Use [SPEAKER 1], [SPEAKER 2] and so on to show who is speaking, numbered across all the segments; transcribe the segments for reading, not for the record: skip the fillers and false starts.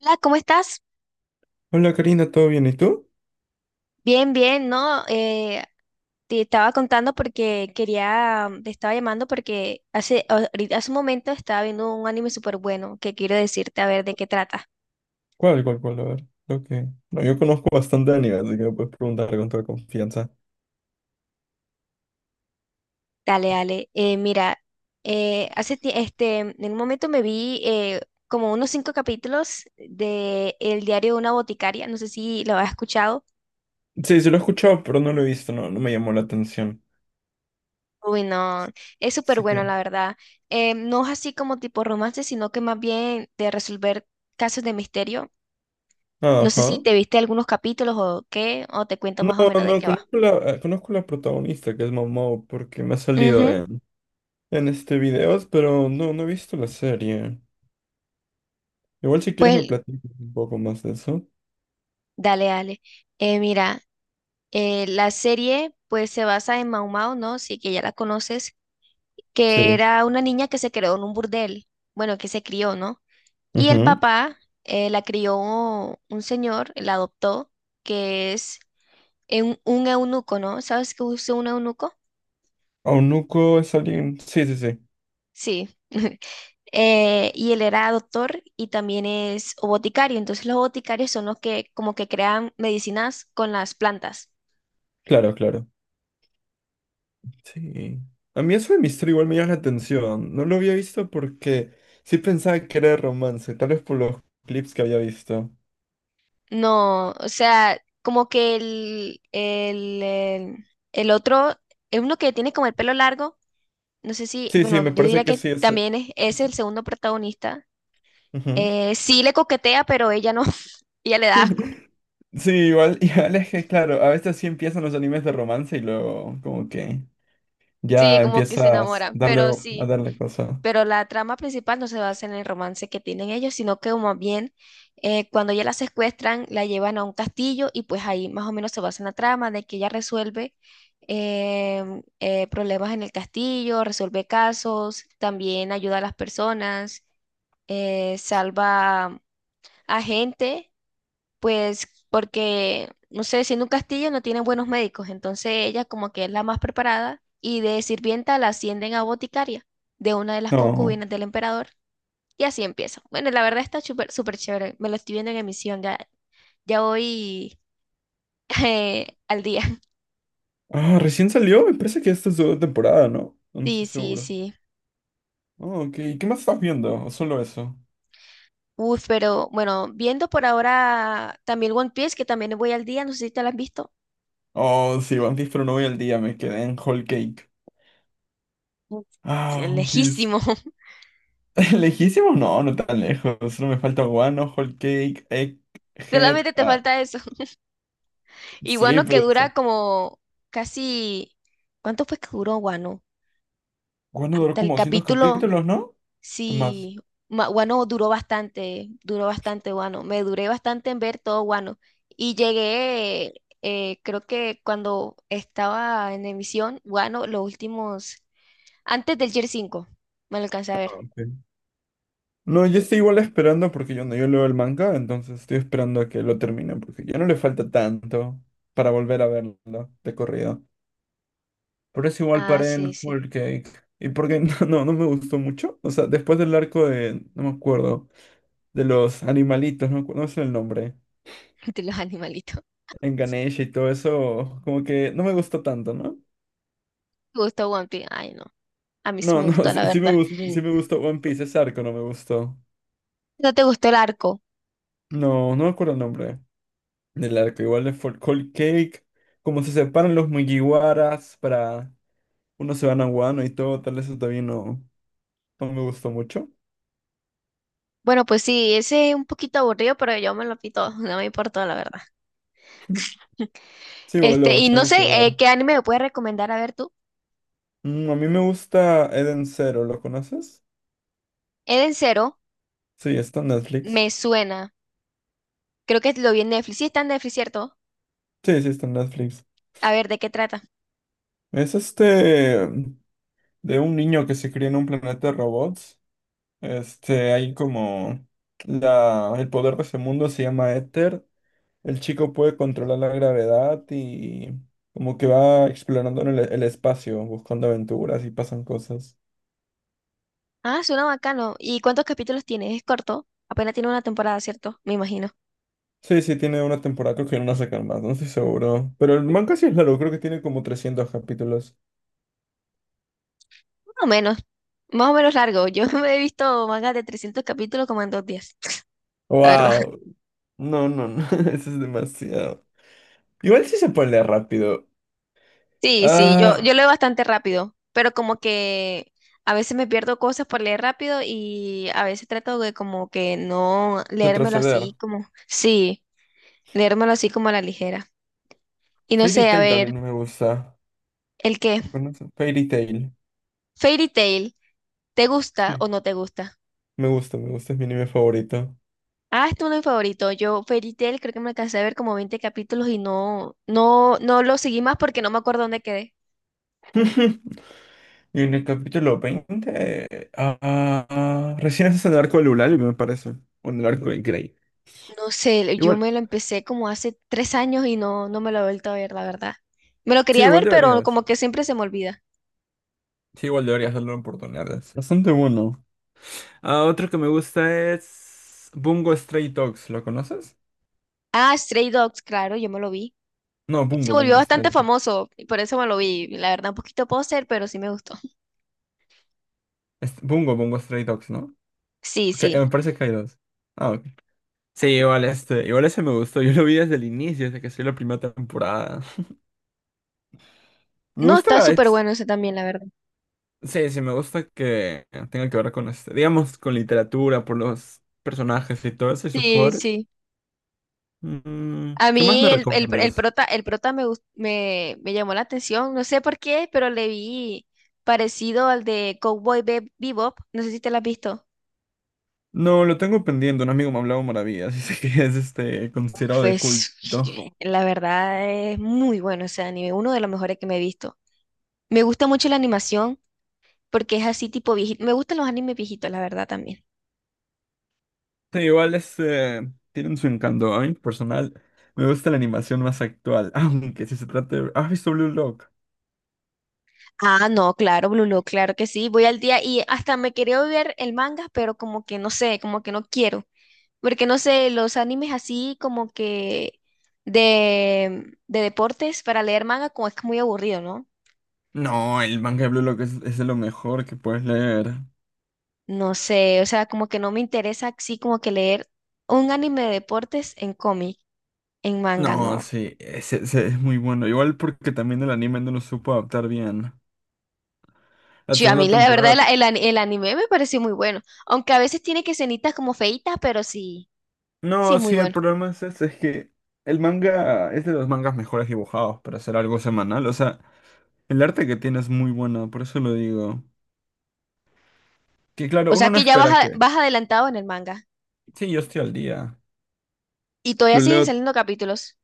[SPEAKER 1] Hola, ¿cómo estás?
[SPEAKER 2] Hola Karina, ¿todo bien? ¿Y tú?
[SPEAKER 1] Bien, bien, ¿no? Te estaba contando porque quería, te estaba llamando porque hace, hace un momento estaba viendo un anime súper bueno que quiero decirte a ver de qué trata.
[SPEAKER 2] ¿Cuál? A ver, lo que... No, yo conozco bastante anime, así que me puedes preguntar con toda confianza.
[SPEAKER 1] Dale, dale. Mira, en un momento me vi como unos 5 capítulos de El diario de una boticaria, no sé si lo has escuchado.
[SPEAKER 2] Sí, sí lo he escuchado, pero no lo he visto, no, no me llamó la atención.
[SPEAKER 1] Uy, no, es súper
[SPEAKER 2] Así
[SPEAKER 1] bueno,
[SPEAKER 2] que...
[SPEAKER 1] la verdad. No es así como tipo romance, sino que más bien de resolver casos de misterio. No sé si
[SPEAKER 2] Ajá.
[SPEAKER 1] te viste algunos capítulos o qué, o te cuento
[SPEAKER 2] No,
[SPEAKER 1] más o menos de
[SPEAKER 2] no,
[SPEAKER 1] qué va.
[SPEAKER 2] conozco conozco la protagonista, que es Momo, porque me ha salido
[SPEAKER 1] Ujú.
[SPEAKER 2] en este videos, pero no, no he visto la serie. Igual si quieres me
[SPEAKER 1] Pues
[SPEAKER 2] platicas un poco más de eso.
[SPEAKER 1] dale, dale. Eh, mira, la serie pues se basa en Mau Mau, ¿no? Sí, que ya la conoces, que
[SPEAKER 2] Sí.
[SPEAKER 1] era una niña que se creó en un burdel, bueno, que se crió, ¿no? Y el
[SPEAKER 2] Ajá.
[SPEAKER 1] papá la crió un señor, la adoptó, que es un eunuco, ¿no? ¿Sabes qué es un eunuco?
[SPEAKER 2] Aunuko es alguien... Sí, sí, sí.
[SPEAKER 1] Sí. Y él era doctor y también es boticario. Entonces los boticarios son los que como que crean medicinas con las plantas.
[SPEAKER 2] Claro, claro. Sí. A mí eso de misterio igual me llama la atención. No lo había visto porque sí pensaba que era de romance, tal vez por los clips que había visto.
[SPEAKER 1] No, o sea, como que el otro, es uno que tiene como el pelo largo, no sé si,
[SPEAKER 2] Sí, sí,
[SPEAKER 1] bueno,
[SPEAKER 2] me
[SPEAKER 1] yo
[SPEAKER 2] parece
[SPEAKER 1] diría
[SPEAKER 2] que
[SPEAKER 1] que
[SPEAKER 2] sí
[SPEAKER 1] también es
[SPEAKER 2] es-
[SPEAKER 1] el segundo protagonista.
[SPEAKER 2] ujú.
[SPEAKER 1] Sí le coquetea, pero ella no, ella le da asco.
[SPEAKER 2] Sí, igual, igual es que, claro, a veces sí empiezan los animes de romance y luego como que
[SPEAKER 1] Sí,
[SPEAKER 2] ya
[SPEAKER 1] como que se
[SPEAKER 2] empiezas a
[SPEAKER 1] enamora,
[SPEAKER 2] darle,
[SPEAKER 1] pero
[SPEAKER 2] a
[SPEAKER 1] sí.
[SPEAKER 2] darle cosa.
[SPEAKER 1] Pero la trama principal no se basa en el romance que tienen ellos, sino que más bien cuando ya la secuestran, la llevan a un castillo y pues ahí más o menos se basa en la trama de que ella resuelve problemas en el castillo, resuelve casos, también ayuda a las personas, salva a gente, pues porque, no sé, siendo un castillo no tienen buenos médicos, entonces ella como que es la más preparada y de sirvienta la ascienden a boticaria de una de las
[SPEAKER 2] No.
[SPEAKER 1] concubinas del emperador. Y así empiezo. Bueno, la verdad está súper súper chévere. Me lo estoy viendo en emisión. Ya, ya voy al día.
[SPEAKER 2] Ah, recién salió, me parece que esta es su segunda temporada, ¿no? No
[SPEAKER 1] Sí,
[SPEAKER 2] estoy
[SPEAKER 1] sí,
[SPEAKER 2] seguro.
[SPEAKER 1] sí.
[SPEAKER 2] Oh, ok. ¿Qué más estás viendo? ¿O solo eso?
[SPEAKER 1] Uf, pero bueno, viendo por ahora también One Piece, que también voy al día. No sé si te lo has visto.
[SPEAKER 2] Oh, sí, One Piece, pero no voy al día, me quedé en Whole Cake.
[SPEAKER 1] Uf, sí,
[SPEAKER 2] Ah,
[SPEAKER 1] es
[SPEAKER 2] One Piece.
[SPEAKER 1] lejísimo.
[SPEAKER 2] ¿Lejísimos? No, no tan lejos. Solo me falta Wano, Whole Cake, Egghead.
[SPEAKER 1] Solamente te
[SPEAKER 2] Ah,
[SPEAKER 1] falta eso. Y
[SPEAKER 2] sí,
[SPEAKER 1] Wano
[SPEAKER 2] pero
[SPEAKER 1] que
[SPEAKER 2] esa.
[SPEAKER 1] dura como casi... ¿Cuánto fue que duró Wano?
[SPEAKER 2] Wano duró
[SPEAKER 1] Hasta
[SPEAKER 2] como
[SPEAKER 1] el
[SPEAKER 2] 200
[SPEAKER 1] capítulo...
[SPEAKER 2] capítulos, ¿no? Tomás.
[SPEAKER 1] Sí, Guano duró bastante Guano. Me duré bastante en ver todo Guano. Y llegué, creo que cuando estaba en emisión, Guano, los últimos, antes del Year 5 me lo alcancé a
[SPEAKER 2] Ah,
[SPEAKER 1] ver.
[SPEAKER 2] ok. No, yo estoy igual esperando porque yo no, yo leo el manga, entonces estoy esperando a que lo termine porque ya no le falta tanto para volver a verlo de corrido. Por eso igual
[SPEAKER 1] Ah,
[SPEAKER 2] paré
[SPEAKER 1] sí,
[SPEAKER 2] en
[SPEAKER 1] sí,
[SPEAKER 2] Whole Cake. Y porque no, no, no me gustó mucho. O sea, después del arco de... No me acuerdo. De los animalitos, no, no sé el nombre,
[SPEAKER 1] de los animalitos.
[SPEAKER 2] en Ganesha y todo eso, como que no me gustó tanto, ¿no?
[SPEAKER 1] ¿Te gustó One Piece? Ay, no, a mí sí
[SPEAKER 2] No,
[SPEAKER 1] me
[SPEAKER 2] no,
[SPEAKER 1] gustó,
[SPEAKER 2] sí,
[SPEAKER 1] la verdad.
[SPEAKER 2] sí me gustó One Piece, ese arco no me gustó.
[SPEAKER 1] ¿No te gustó el arco?
[SPEAKER 2] No, no me acuerdo el nombre del arco, igual de Fort Cold Cake, como se separan los Mugiwaras para uno se van a Wano y todo, tal vez eso también no, no me gustó mucho.
[SPEAKER 1] Bueno, pues sí, ese es un poquito aburrido, pero yo me lo pito, no me importó, la verdad.
[SPEAKER 2] Sí,
[SPEAKER 1] Este,
[SPEAKER 2] boludo,
[SPEAKER 1] y no
[SPEAKER 2] tengo que
[SPEAKER 1] sé,
[SPEAKER 2] ver.
[SPEAKER 1] ¿qué anime me puedes recomendar a ver tú?
[SPEAKER 2] Mm, a mí me gusta Eden Zero, ¿lo conoces?
[SPEAKER 1] Eden.
[SPEAKER 2] Sí, está en Netflix.
[SPEAKER 1] Me suena. Creo que lo vi en Netflix. Sí, está en Netflix, ¿cierto?
[SPEAKER 2] Sí, sí, está en Netflix.
[SPEAKER 1] A ver, ¿de qué trata?
[SPEAKER 2] Es este. De un niño que se cría en un planeta de robots. Este, hay como el poder de ese mundo se llama éter. El chico puede controlar la gravedad y como que va explorando en el espacio, buscando aventuras y pasan cosas.
[SPEAKER 1] Ah, suena bacano. ¿Y cuántos capítulos tiene? Es corto. Apenas tiene una temporada, ¿cierto? Me imagino.
[SPEAKER 2] Sí, sí, tiene una temporada, creo que no la sacan más, no estoy seguro. Pero el manga sí es largo, creo que tiene como 300 capítulos.
[SPEAKER 1] Más o menos. Más o menos largo. Yo me he visto mangas de 300 capítulos como en 2 días. La verdad.
[SPEAKER 2] ¡Wow! No, no, no, eso es demasiado. Igual sí se puede leer rápido.
[SPEAKER 1] Sí, sí, yo,
[SPEAKER 2] Ah,
[SPEAKER 1] yo leo bastante rápido. Pero como que a veces me pierdo cosas por leer rápido y a veces trato de como que no leérmelo
[SPEAKER 2] retroceder.
[SPEAKER 1] así como... Sí, leérmelo así como a la ligera. Y no
[SPEAKER 2] Fairy
[SPEAKER 1] sé, a
[SPEAKER 2] Tail
[SPEAKER 1] ver,
[SPEAKER 2] también me gusta.
[SPEAKER 1] ¿el qué?
[SPEAKER 2] ¿Lo conoces? Fairy Tail.
[SPEAKER 1] Fairy Tail. ¿Te gusta
[SPEAKER 2] Sí.
[SPEAKER 1] o no te gusta?
[SPEAKER 2] Me gusta, es mi anime favorito.
[SPEAKER 1] Ah, este es uno de mis favoritos. Yo Fairy Tail creo que me alcancé a ver como 20 capítulos y no, no, no lo seguí más porque no me acuerdo dónde quedé.
[SPEAKER 2] Y en el capítulo 20, ah, ah, recién haces el arco de Lulaly, me parece. O en el arco de Grey.
[SPEAKER 1] No sé, yo
[SPEAKER 2] Igual.
[SPEAKER 1] me lo empecé como hace 3 años y no, no me lo he vuelto a ver, la verdad. Me lo
[SPEAKER 2] Sí,
[SPEAKER 1] quería
[SPEAKER 2] igual
[SPEAKER 1] ver, pero
[SPEAKER 2] deberías.
[SPEAKER 1] como que siempre se me olvida.
[SPEAKER 2] Sí, igual deberías darle una oportunidad. Es Bastante bueno. Ah, otro que me gusta es. Bungo Stray Dogs. ¿Lo conoces?
[SPEAKER 1] Ah, Stray Dogs, claro, yo me lo vi.
[SPEAKER 2] No,
[SPEAKER 1] Se
[SPEAKER 2] Bungo,
[SPEAKER 1] volvió
[SPEAKER 2] Bungo
[SPEAKER 1] bastante
[SPEAKER 2] Stray.
[SPEAKER 1] famoso, y por eso me lo vi. La verdad, un poquito poser, pero sí me gustó.
[SPEAKER 2] Es- Bungo Stray Dogs, ¿no?
[SPEAKER 1] Sí,
[SPEAKER 2] Porque
[SPEAKER 1] sí.
[SPEAKER 2] me parece que hay dos. Ah, ok. Sí, igual este, igual ese me gustó. Yo lo vi desde el inicio, desde que salió la primera temporada. Me
[SPEAKER 1] No,
[SPEAKER 2] gusta,
[SPEAKER 1] está súper
[SPEAKER 2] es-
[SPEAKER 1] bueno ese también, la verdad.
[SPEAKER 2] sí, sí, me gusta que tenga que ver con este, digamos, con literatura, por los personajes y todo eso y sus
[SPEAKER 1] Sí,
[SPEAKER 2] poderes.
[SPEAKER 1] sí.
[SPEAKER 2] Mm,
[SPEAKER 1] A
[SPEAKER 2] ¿qué más me
[SPEAKER 1] mí el
[SPEAKER 2] recomiendas?
[SPEAKER 1] prota, el prota me, me llamó la atención, no sé por qué, pero le vi parecido al de Bebop, no sé si te lo has visto.
[SPEAKER 2] No, lo tengo pendiente. Un amigo me ha hablado maravillas, dice que es este considerado de culto.
[SPEAKER 1] Pues la verdad es muy bueno ese anime, uno de los mejores que me he visto. Me gusta mucho la animación porque es así tipo viejito. Me gustan los animes viejitos, la verdad también.
[SPEAKER 2] Sí, igual este tienen su encanto. A mí, personal, me gusta la animación más actual, aunque si se trata de, ¿has visto Blue Lock?
[SPEAKER 1] Ah, no, claro, Blue Lock, claro que sí. Voy al día y hasta me quería ver el manga, pero como que no sé, como que no quiero. Porque no sé, los animes así como que de deportes para leer manga como es que muy aburrido, ¿no?
[SPEAKER 2] No, el manga de Blue Lock es de lo mejor que puedes leer.
[SPEAKER 1] No sé, o sea, como que no me interesa así como que leer un anime de deportes en cómic, en manga,
[SPEAKER 2] No,
[SPEAKER 1] no.
[SPEAKER 2] sí, ese es muy bueno. Igual porque también el anime no lo supo adaptar bien. La
[SPEAKER 1] Sí, a
[SPEAKER 2] segunda
[SPEAKER 1] mí la, la verdad
[SPEAKER 2] temporada.
[SPEAKER 1] el anime me pareció muy bueno, aunque a veces tiene que escenitas como feitas, pero sí, sí es
[SPEAKER 2] No,
[SPEAKER 1] muy
[SPEAKER 2] sí, el
[SPEAKER 1] bueno.
[SPEAKER 2] problema es ese, es que el manga es de los mangas mejores dibujados para hacer algo semanal. O sea, el arte que tiene es muy bueno, por eso lo digo. Que claro,
[SPEAKER 1] O
[SPEAKER 2] uno
[SPEAKER 1] sea
[SPEAKER 2] no
[SPEAKER 1] que ya vas,
[SPEAKER 2] espera que.
[SPEAKER 1] vas adelantado en el manga
[SPEAKER 2] Sí, yo estoy al día.
[SPEAKER 1] y todavía
[SPEAKER 2] Lo
[SPEAKER 1] siguen
[SPEAKER 2] leo.
[SPEAKER 1] saliendo capítulos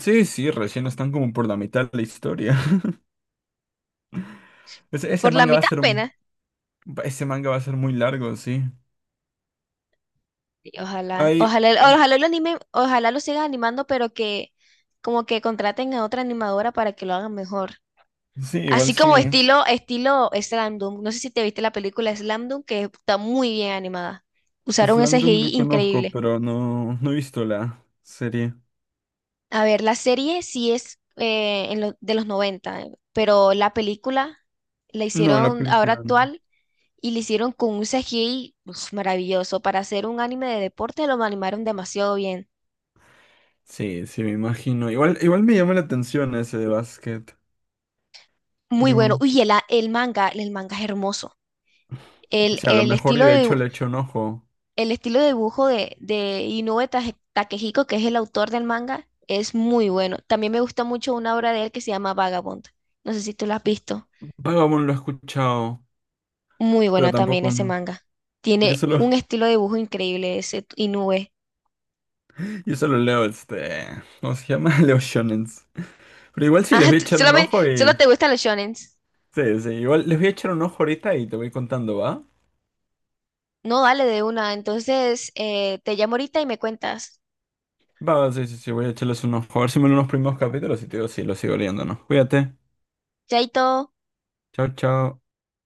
[SPEAKER 2] Sí, sí, recién están como por la mitad de la historia. Ese
[SPEAKER 1] por la
[SPEAKER 2] manga va a
[SPEAKER 1] mitad
[SPEAKER 2] ser un-
[SPEAKER 1] apenas.
[SPEAKER 2] Ese manga va a ser muy largo, sí.
[SPEAKER 1] Sí, ojalá,
[SPEAKER 2] Hay.
[SPEAKER 1] ojalá, ojalá lo anime, ojalá lo sigan animando, pero que como que contraten a otra animadora para que lo hagan mejor.
[SPEAKER 2] Sí, igual
[SPEAKER 1] Así como
[SPEAKER 2] sí.
[SPEAKER 1] estilo, estilo Slam Dunk. No sé si te viste la película Slam Dunk, que está muy bien animada. Usaron ese
[SPEAKER 2] Slandung lo
[SPEAKER 1] CGI
[SPEAKER 2] conozco,
[SPEAKER 1] increíble.
[SPEAKER 2] pero no, no he visto la serie.
[SPEAKER 1] A ver, la serie sí es de los 90, pero la película la
[SPEAKER 2] No, la
[SPEAKER 1] hicieron ahora
[SPEAKER 2] película no.
[SPEAKER 1] actual y la hicieron con un CGI uf, maravilloso. Para hacer un anime de deporte lo animaron demasiado bien.
[SPEAKER 2] Sí, sí, me imagino. Igual, igual me llama la atención ese de básquet.
[SPEAKER 1] Muy bueno.
[SPEAKER 2] Pero,
[SPEAKER 1] Uy, el manga es hermoso.
[SPEAKER 2] o
[SPEAKER 1] El,
[SPEAKER 2] sea a lo
[SPEAKER 1] el
[SPEAKER 2] mejor y
[SPEAKER 1] estilo
[SPEAKER 2] de
[SPEAKER 1] de,
[SPEAKER 2] hecho
[SPEAKER 1] dibu-
[SPEAKER 2] le echo un ojo.
[SPEAKER 1] el estilo de dibujo de Inoue Takehiko, que es el autor del manga, es muy bueno. También me gusta mucho una obra de él que se llama Vagabond. No sé si tú la has visto.
[SPEAKER 2] Vagabond lo he escuchado,
[SPEAKER 1] Muy
[SPEAKER 2] pero
[SPEAKER 1] bueno también
[SPEAKER 2] tampoco
[SPEAKER 1] ese
[SPEAKER 2] no.
[SPEAKER 1] manga.
[SPEAKER 2] Yo
[SPEAKER 1] Tiene
[SPEAKER 2] solo,
[SPEAKER 1] un estilo de dibujo increíble ese Inoue.
[SPEAKER 2] yo solo leo este. ¿Cómo se llama? Leo shonens. Pero igual sí les voy a echar un
[SPEAKER 1] Solamente,
[SPEAKER 2] ojo
[SPEAKER 1] solo
[SPEAKER 2] y.
[SPEAKER 1] te gustan los shonens.
[SPEAKER 2] Sí, sí, igual les voy a echar un ojo ahorita y te voy contando, ¿va?
[SPEAKER 1] No, dale de una. Entonces, te llamo ahorita y me cuentas.
[SPEAKER 2] Va, sí, sí, sí, voy a echarles un ojo. A ver si me ven unos primeros capítulos y te digo si lo sigo leyendo o no. Cuídate.
[SPEAKER 1] Chaito.
[SPEAKER 2] Chao, chao.